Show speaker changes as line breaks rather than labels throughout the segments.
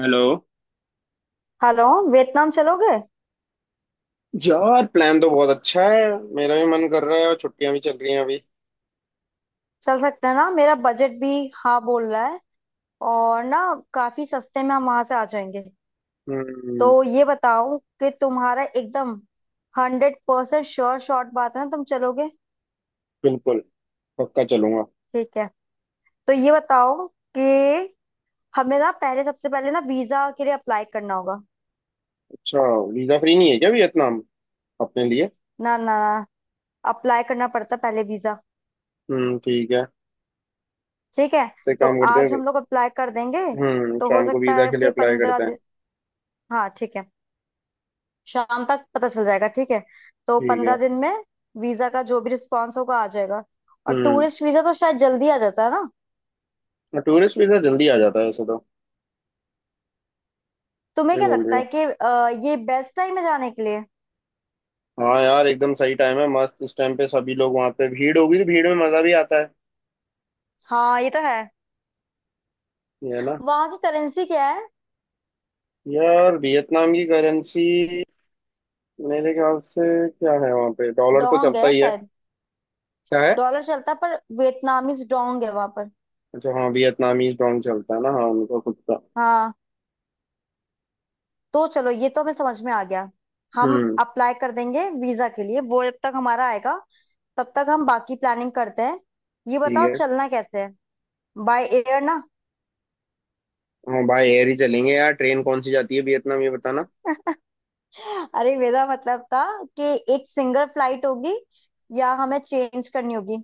Hello
hello. Vietnam चलोगे?
यार plan तो बहुत अच्छा है। मेरा भी मन कर रहा है और छुट्टियां भी चल रही हैं अभी।
चल सकते हैं ना, मेरा बजट भी हाँ बोल रहा है। और ना, काफी सस्ते में हम वहां से आ जाएंगे। तो
हम्म।
ये बताओ कि तुम्हारा एकदम 100% श्योर शॉट बात है ना, तुम चलोगे?
बिल्कुल पक्का चलूंगा।
ठीक है। तो ये बताओ कि हमें ना, पहले सबसे पहले ना वीजा के लिए अप्लाई करना होगा।
अच्छा वीजा फ्री नहीं है क्या वियतनाम अपने लिए?
ना ना, अप्लाई करना पड़ता है पहले वीजा।
हम्म। ठीक है।
ठीक है,
तो एक
तो
काम करते
आज
हैं।
हम लोग अप्लाई कर देंगे। तो हो
शाम को
सकता
वीजा
है
के लिए
कि
अप्लाई
पंद्रह
करते हैं।
दिन हाँ ठीक है, शाम तक पता चल जाएगा। ठीक है, तो
ठीक है।
15 दिन में वीजा का जो भी रिस्पॉन्स होगा आ जाएगा। और
हम्म
टूरिस्ट वीजा तो शायद जल्दी आ जाता है ना।
टूरिस्ट वीजा जल्दी आ जाता है ऐसे तो।
तुम्हें
सही
क्या
बोल रही
लगता है
हो।
कि ये बेस्ट टाइम है जाने के लिए?
हाँ यार एकदम सही टाइम है मस्त इस टाइम पे सभी लोग वहां पे भीड़ होगी तो भीड़ में मजा भी आता है।
हाँ, ये तो है।
ये है ना?
वहां की करेंसी क्या है?
यार वियतनाम की करेंसी मेरे ख्याल से क्या है वहाँ पे डॉलर तो
डोंग
चलता
है
ही है।
शायद।
क्या है?
डॉलर चलता है पर वियतनामीज डोंग है वहां पर।
अच्छा हाँ वियतनामीज डोंग चलता है ना हाँ उनका खुद का।
हाँ, तो चलो, ये तो हमें समझ में आ गया। हम
हम्म।
अप्लाई कर देंगे वीजा के लिए, वो जब तक हमारा आएगा तब तक हम बाकी प्लानिंग करते हैं। ये
ठीक
बताओ,
है।
चलना कैसे है? बाय एयर ना।
हाँ भाई एयर ही चलेंगे यार ट्रेन कौन सी जाती है वियतनाम ये बताना।
अरे, मेरा मतलब था कि एक सिंगल फ्लाइट होगी या हमें चेंज करनी होगी।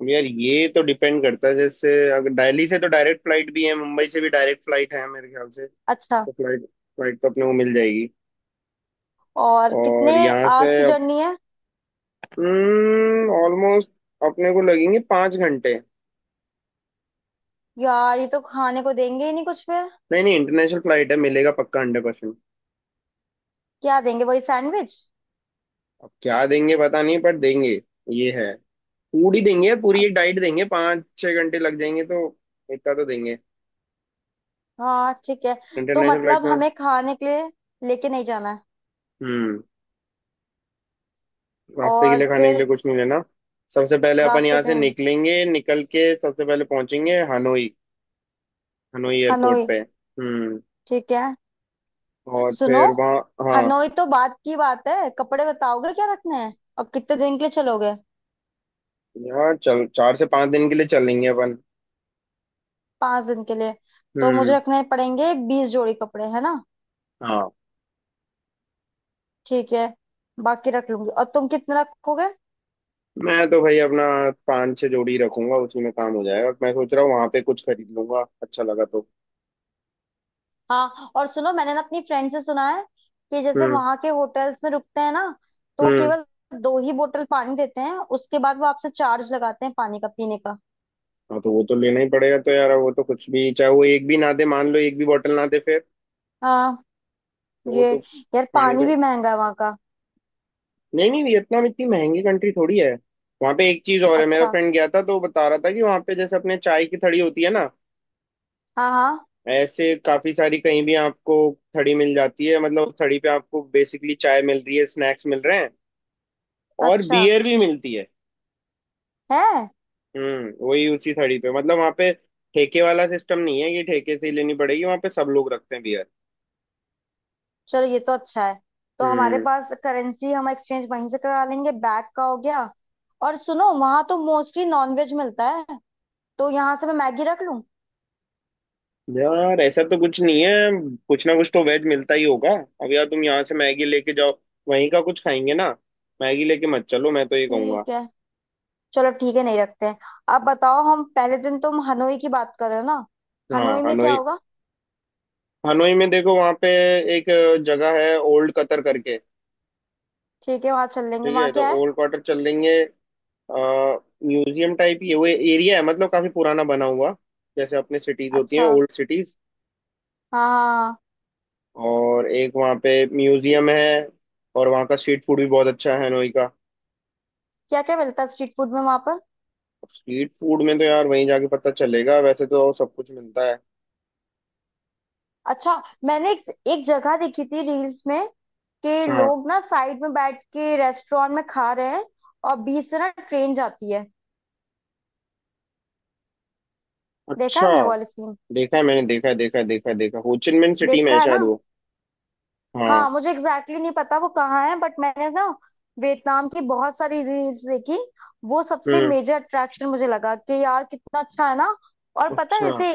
अब यार ये तो डिपेंड करता है जैसे अगर दिल्ली से तो डायरेक्ट फ्लाइट भी है मुंबई से भी डायरेक्ट फ्लाइट है मेरे ख्याल से।
अच्छा।
तो फ्लाइट फ्लाइट तो अपने को मिल जाएगी।
और
और
कितने
यहाँ से
आवर्स की जर्नी है?
ऑलमोस्ट अपने को लगेंगे 5 घंटे।
यार, ये तो खाने को देंगे ही नहीं कुछ फिर।
नहीं नहीं इंटरनेशनल फ्लाइट है मिलेगा पक्का 100%।
क्या देंगे, वही सैंडविच?
अब क्या देंगे पता नहीं पर देंगे। ये है। पूरी देंगे पूरी एक डाइट देंगे 5 6 घंटे लग जाएंगे तो इतना तो देंगे
हाँ ठीक है। तो
इंटरनेशनल फ्लाइट
मतलब
में।
हमें खाने के लिए लेके नहीं जाना है।
हम्म। नाश्ते के
और
लिए खाने के
फिर
लिए कुछ नहीं लेना। सबसे पहले अपन
रास्ते
यहाँ से
पे
निकलेंगे निकल के सबसे पहले पहुंचेंगे हनोई। हनोई एयरपोर्ट
हनोई,
पे। हम्म।
ठीक है।
और
सुनो,
फिर वहाँ। हाँ।
हनोई तो बात की बात है, कपड़े बताओगे क्या रखने हैं और कितने दिन के लिए चलोगे?
यहाँ चल 4 से 5 दिन के लिए चलेंगे अपन।
5 दिन के लिए तो मुझे
हम्म।
रखने पड़ेंगे 20 जोड़ी कपड़े, है ना?
हाँ।
ठीक है, बाकी रख लूंगी। और तुम कितने रखोगे?
मैं तो भाई अपना 5 6 जोड़ी रखूंगा उसी में काम हो जाएगा मैं सोच रहा हूँ वहां पे कुछ खरीद लूंगा अच्छा लगा तो।
हाँ, और सुनो, मैंने ना अपनी फ्रेंड से सुना है कि जैसे
हम्म।
वहां के होटल्स में रुकते हैं ना, तो वो
हम्म।
केवल 2 ही बोतल पानी देते हैं, उसके बाद वो आपसे चार्ज लगाते हैं पानी का, पीने का।
हाँ तो वो तो लेना ही पड़ेगा तो यार वो तो कुछ भी चाहे वो एक भी ना दे मान लो एक भी बोतल ना दे फिर।
हाँ,
तो वो
ये,
तो
यार
पानी का।
पानी भी महंगा है वहां का।
नहीं नहीं वियतनाम इतनी महंगी कंट्री थोड़ी है। वहां पे एक चीज और है मेरा
अच्छा,
फ्रेंड गया था तो वो बता रहा था कि वहां पे जैसे अपने चाय की थड़ी होती है ना।
हाँ हाँ।
ऐसे काफी सारी कहीं भी आपको थड़ी मिल जाती है मतलब उस थड़ी पे आपको बेसिकली चाय मिल रही है स्नैक्स मिल रहे हैं और
अच्छा
बियर भी मिलती है।
है,
वही उसी थड़ी पे मतलब वहां पे ठेके वाला सिस्टम नहीं है कि ठेके से ही लेनी पड़ेगी वहां पे सब लोग रखते हैं बियर।
चलो, ये तो अच्छा है। तो हमारे
हम्म।
पास करेंसी हम एक्सचेंज वहीं से करा लेंगे। बैग का हो गया। और सुनो, वहां तो मोस्टली नॉनवेज मिलता है, तो यहाँ से मैं मैगी रख लूं?
यार ऐसा तो कुछ नहीं है कुछ ना कुछ तो वेज मिलता ही होगा। अब यार तुम यहाँ से मैगी लेके जाओ वहीं का कुछ खाएंगे ना। मैगी लेके मत चलो मैं तो ये कहूंगा।
ठीक है, चलो ठीक है, नहीं रखते हैं। अब बताओ, हम पहले दिन, तुम हनोई की बात कर रहे हो ना,
हाँ
हनोई में क्या
हनोई।
होगा?
हनोई में देखो वहाँ पे एक जगह है ओल्ड कतर करके।
ठीक है, वहां चल लेंगे,
ठीक है
वहां
तो
क्या है?
ओल्ड कतर चल लेंगे म्यूजियम टाइप ये वो एरिया है मतलब काफी पुराना बना हुआ जैसे अपने सिटीज होती
अच्छा,
हैं
हाँ
ओल्ड सिटीज।
हाँ, हाँ, हाँ।
और एक वहाँ पे म्यूजियम है और वहाँ का स्ट्रीट फूड भी बहुत अच्छा है हनोई का।
क्या क्या मिलता है स्ट्रीट फूड में वहां पर?
स्ट्रीट फूड में तो यार वहीं जाके पता चलेगा वैसे तो सब कुछ मिलता है।
अच्छा, मैंने एक जगह देखी थी रील्स में कि
हाँ।
लोग ना साइड में बैठ के रेस्टोरेंट में खा रहे हैं और बीच से ना ट्रेन जाती है। देखा है
अच्छा।
हमने वाले सीन।
देखा है मैंने देखा है देखा है देखा है देखा हो चिन मिन सिटी में है
देखा है ना?
शायद वो। हाँ।
हाँ, मुझे एग्जैक्टली exactly नहीं पता वो कहाँ है, बट मैंने ना वियतनाम की बहुत सारी रील्स देखी। वो सबसे
हम्म।
मेजर अट्रैक्शन मुझे लगा कि यार कितना अच्छा है ना। और पता है
अच्छा।
जैसे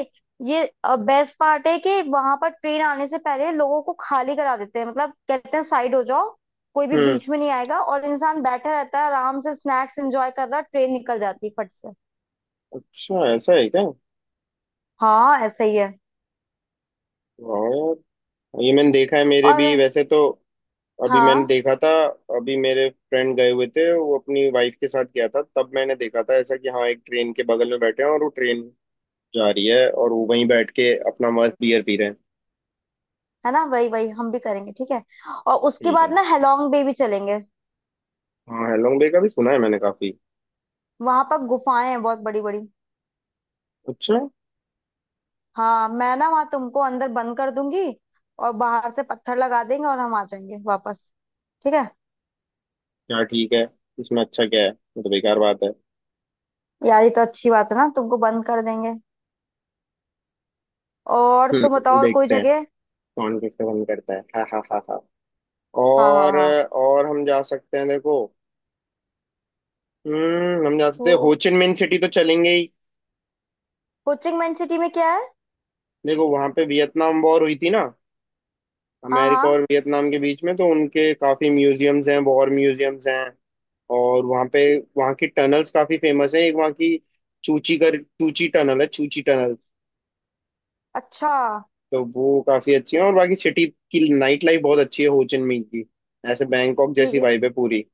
ये बेस्ट पार्ट है कि वहां पर ट्रेन आने से पहले लोगों को खाली करा देते हैं, मतलब कहते हैं साइड हो जाओ, कोई भी
हम्म।
बीच में नहीं आएगा। और इंसान बैठा रहता है आराम से, स्नैक्स एंजॉय कर रहा, ट्रेन निकल जाती है फट से।
अच्छा ऐसा है क्या?
हाँ, ऐसा ही है।
वाह। यार ये मैंने देखा है मेरे भी
और
वैसे तो अभी मैंने
हाँ,
देखा था अभी मेरे फ्रेंड गए हुए थे वो अपनी वाइफ के साथ गया था तब मैंने देखा था ऐसा कि हाँ एक ट्रेन के बगल में बैठे हैं और वो ट्रेन जा रही है और वो वहीं बैठ के अपना मस्त बियर पी रहे हैं।
है ना, वही वही हम भी करेंगे, ठीक है। और उसके
ठीक
बाद
है।
ना हेलोंग बे भी चलेंगे।
हाँ हैलोंग बे का भी सुना है मैंने काफी।
वहां पर गुफाएं हैं बहुत बड़ी बड़ी।
अच्छा।
हाँ, मैं ना वहां तुमको अंदर बंद कर दूंगी और बाहर से पत्थर लगा देंगे और हम आ जाएंगे वापस, ठीक है।
क्या ठीक है? इसमें अच्छा क्या है ये तो बेकार बात है।
यार ये तो अच्छी बात है ना, तुमको बंद कर देंगे। और तुम बताओ, और कोई
देखते हैं
जगह?
कौन किसका मन करता है। हा हा हा हा।
हाँ हाँ
और
हाँ।
और हम जा सकते हैं देखो। हम जा सकते
वो
हैं होचिन मिन सिटी तो चलेंगे ही।
कोचिंग मैन सिटी में क्या है?
देखो वहां पे वियतनाम वॉर हुई थी ना
हाँ
अमेरिका और
हाँ।
वियतनाम के बीच में तो उनके काफी म्यूजियम्स हैं वॉर म्यूजियम्स हैं। और वहाँ पे वहाँ की टनल्स काफी फेमस हैं एक वहाँ की चूची टनल है चूची टनल।
अच्छा,
तो वो काफी अच्छी है और बाकी सिटी की नाइट लाइफ बहुत अच्छी है हो चिन मिन्ह की। ऐसे बैंकॉक
ठीक
जैसी
है।
वाइब है पूरी।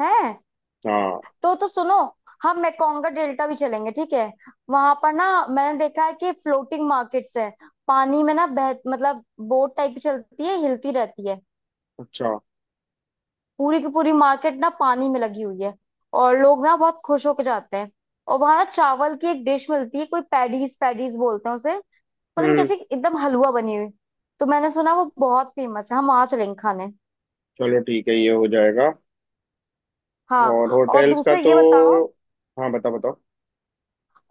है?
हाँ।
तो सुनो, हम मेकोंग का डेल्टा भी चलेंगे, ठीक है। वहां पर ना मैंने देखा है कि फ्लोटिंग मार्केट्स है, पानी में ना, बह मतलब बोट टाइप की चलती है, हिलती रहती है।
अच्छा।
पूरी की पूरी मार्केट ना पानी में लगी हुई है और लोग ना बहुत खुश होकर जाते हैं। और वहां ना चावल की एक डिश मिलती है, कोई पैडीज पैडीज बोलते हैं उसे, पता नहीं
हम्म।
कैसे, एकदम हलवा बनी हुई। तो मैंने सुना वो बहुत फेमस है, हम वहां चलेंगे खाने।
चलो ठीक है ये हो जाएगा। और
हाँ, और
होटल्स का
दूसरे
तो।
ये बताओ,
हाँ बताओ बताओ।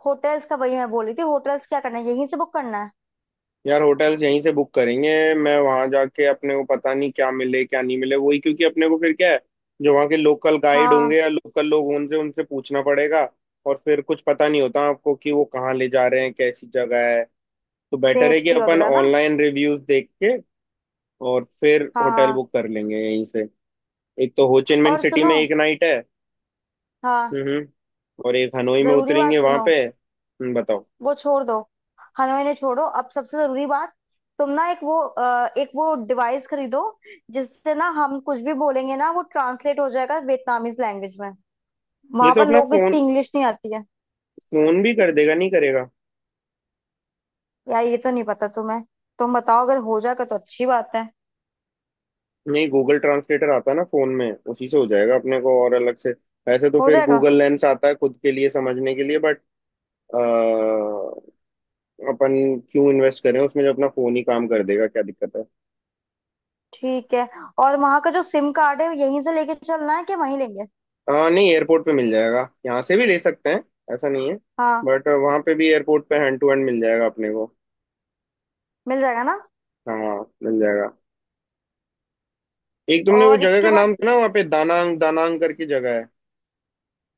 होटल्स का, वही मैं बोल रही थी, होटल्स क्या करना है, यहीं से बुक करना है?
यार होटल्स यहीं से बुक करेंगे मैं वहां जाके अपने को पता नहीं क्या मिले क्या नहीं मिले वही क्योंकि अपने को फिर क्या है जो वहाँ के लोकल गाइड
हाँ,
होंगे या लोकल लोग होंगे उनसे उनसे पूछना पड़ेगा। और फिर कुछ पता नहीं होता आपको कि वो कहाँ ले जा रहे हैं कैसी जगह है। तो बेटर है कि
सेफ्टी
अपन
वगैरह ना।
ऑनलाइन रिव्यूज देख के और फिर
हाँ
होटल
हाँ।
बुक कर लेंगे यहीं से। एक तो हो चिन मिन
और
सिटी
सुनो,
में एक नाइट है।
हाँ
हम्म। और एक हनोई में
जरूरी बात
उतरेंगे वहां
सुनो,
पे। बताओ।
वो छोड़ दो, हनुमान ने छोड़ो अब, सबसे जरूरी बात, तुम ना एक वो एक वो डिवाइस खरीदो जिससे ना हम कुछ भी बोलेंगे ना, वो ट्रांसलेट हो जाएगा वियतनामीज लैंग्वेज में।
ये
वहां
तो
पर
अपना
लोगों को इतनी
फोन
इंग्लिश नहीं आती है।
फोन भी कर देगा नहीं करेगा।
यार, ये तो नहीं पता तुम्हें, तुम बताओ, अगर हो जाएगा तो अच्छी बात है।
नहीं गूगल ट्रांसलेटर आता है ना फोन में उसी से हो जाएगा अपने को और अलग से। वैसे तो
हो
फिर
जाएगा?
गूगल लेंस आता है खुद के लिए समझने के लिए बट अपन क्यों इन्वेस्ट करें उसमें जब अपना फोन ही काम कर देगा क्या दिक्कत है।
ठीक है। और वहां का जो सिम कार्ड है, यहीं से लेके चलना है कि वहीं लेंगे?
हाँ नहीं एयरपोर्ट पे मिल जाएगा यहाँ से भी ले सकते हैं ऐसा नहीं है।
हाँ,
बट वहाँ पे भी एयरपोर्ट पे हैंड टू हैंड मिल जाएगा अपने को।
मिल जाएगा ना?
हाँ मिल जाएगा। एक तुमने वो
और
जगह
इसके
का
बाद,
नाम सुना वहाँ पे दानांग दानांग करके जगह है।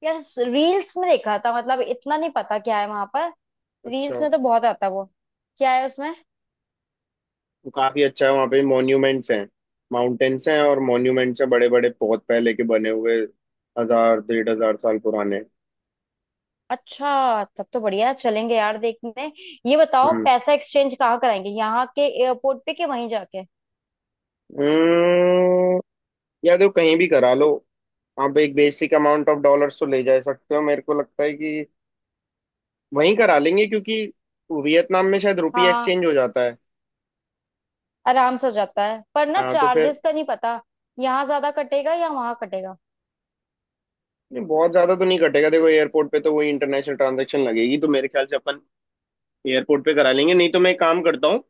यार रील्स में देखा था, मतलब इतना नहीं पता क्या है वहां पर, रील्स
अच्छा।
में तो बहुत आता है वो, क्या है उसमें?
वो काफी अच्छा है वहाँ पे मॉन्यूमेंट्स हैं माउंटेन्स हैं और मॉन्यूमेंट्स हैं बड़े बड़े बहुत पहले के बने हुए 1000 1500 साल पुराने।
अच्छा, तब तो बढ़िया है, चलेंगे यार देखने। ये बताओ
हम्म।
पैसा एक्सचेंज कहाँ कराएंगे, यहाँ के एयरपोर्ट पे कि वहीं जाके?
अम्म, या तो कहीं भी करा लो। आप एक बेसिक अमाउंट ऑफ डॉलर्स तो ले जा सकते हो मेरे को लगता है कि वहीं करा लेंगे क्योंकि वियतनाम में शायद रुपी
हाँ,
एक्सचेंज हो जाता है।
आराम से हो जाता है पर ना,
हाँ तो फिर।
चार्जेस का नहीं पता, यहाँ ज्यादा कटेगा या वहां कटेगा।
नहीं बहुत ज्यादा तो नहीं कटेगा देखो एयरपोर्ट पे तो वही इंटरनेशनल ट्रांजैक्शन लगेगी तो मेरे ख्याल से अपन एयरपोर्ट पे करा लेंगे नहीं तो मैं एक काम करता हूँ।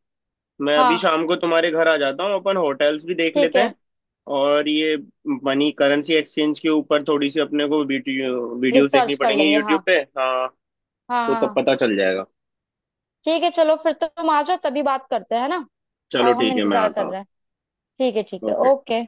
मैं अभी
हाँ
शाम को तुम्हारे घर आ जाता हूँ अपन होटल्स भी देख
ठीक
लेते
है,
हैं। और ये मनी करेंसी एक्सचेंज के ऊपर थोड़ी सी अपने को वीडियोस देखनी
रिसर्च कर
पड़ेंगी
लेंगे। हाँ
यूट्यूब पे हाँ।
हाँ,
तो
हाँ,
तब
हाँ।
पता चल जाएगा।
ठीक है, चलो फिर तो तुम आ जाओ, तभी बात करते हैं, है ना?
चलो
और हम
ठीक है मैं
इंतजार
आता
कर रहे
हूँ।
हैं। ठीक है ठीक है,
ओके।
ओके।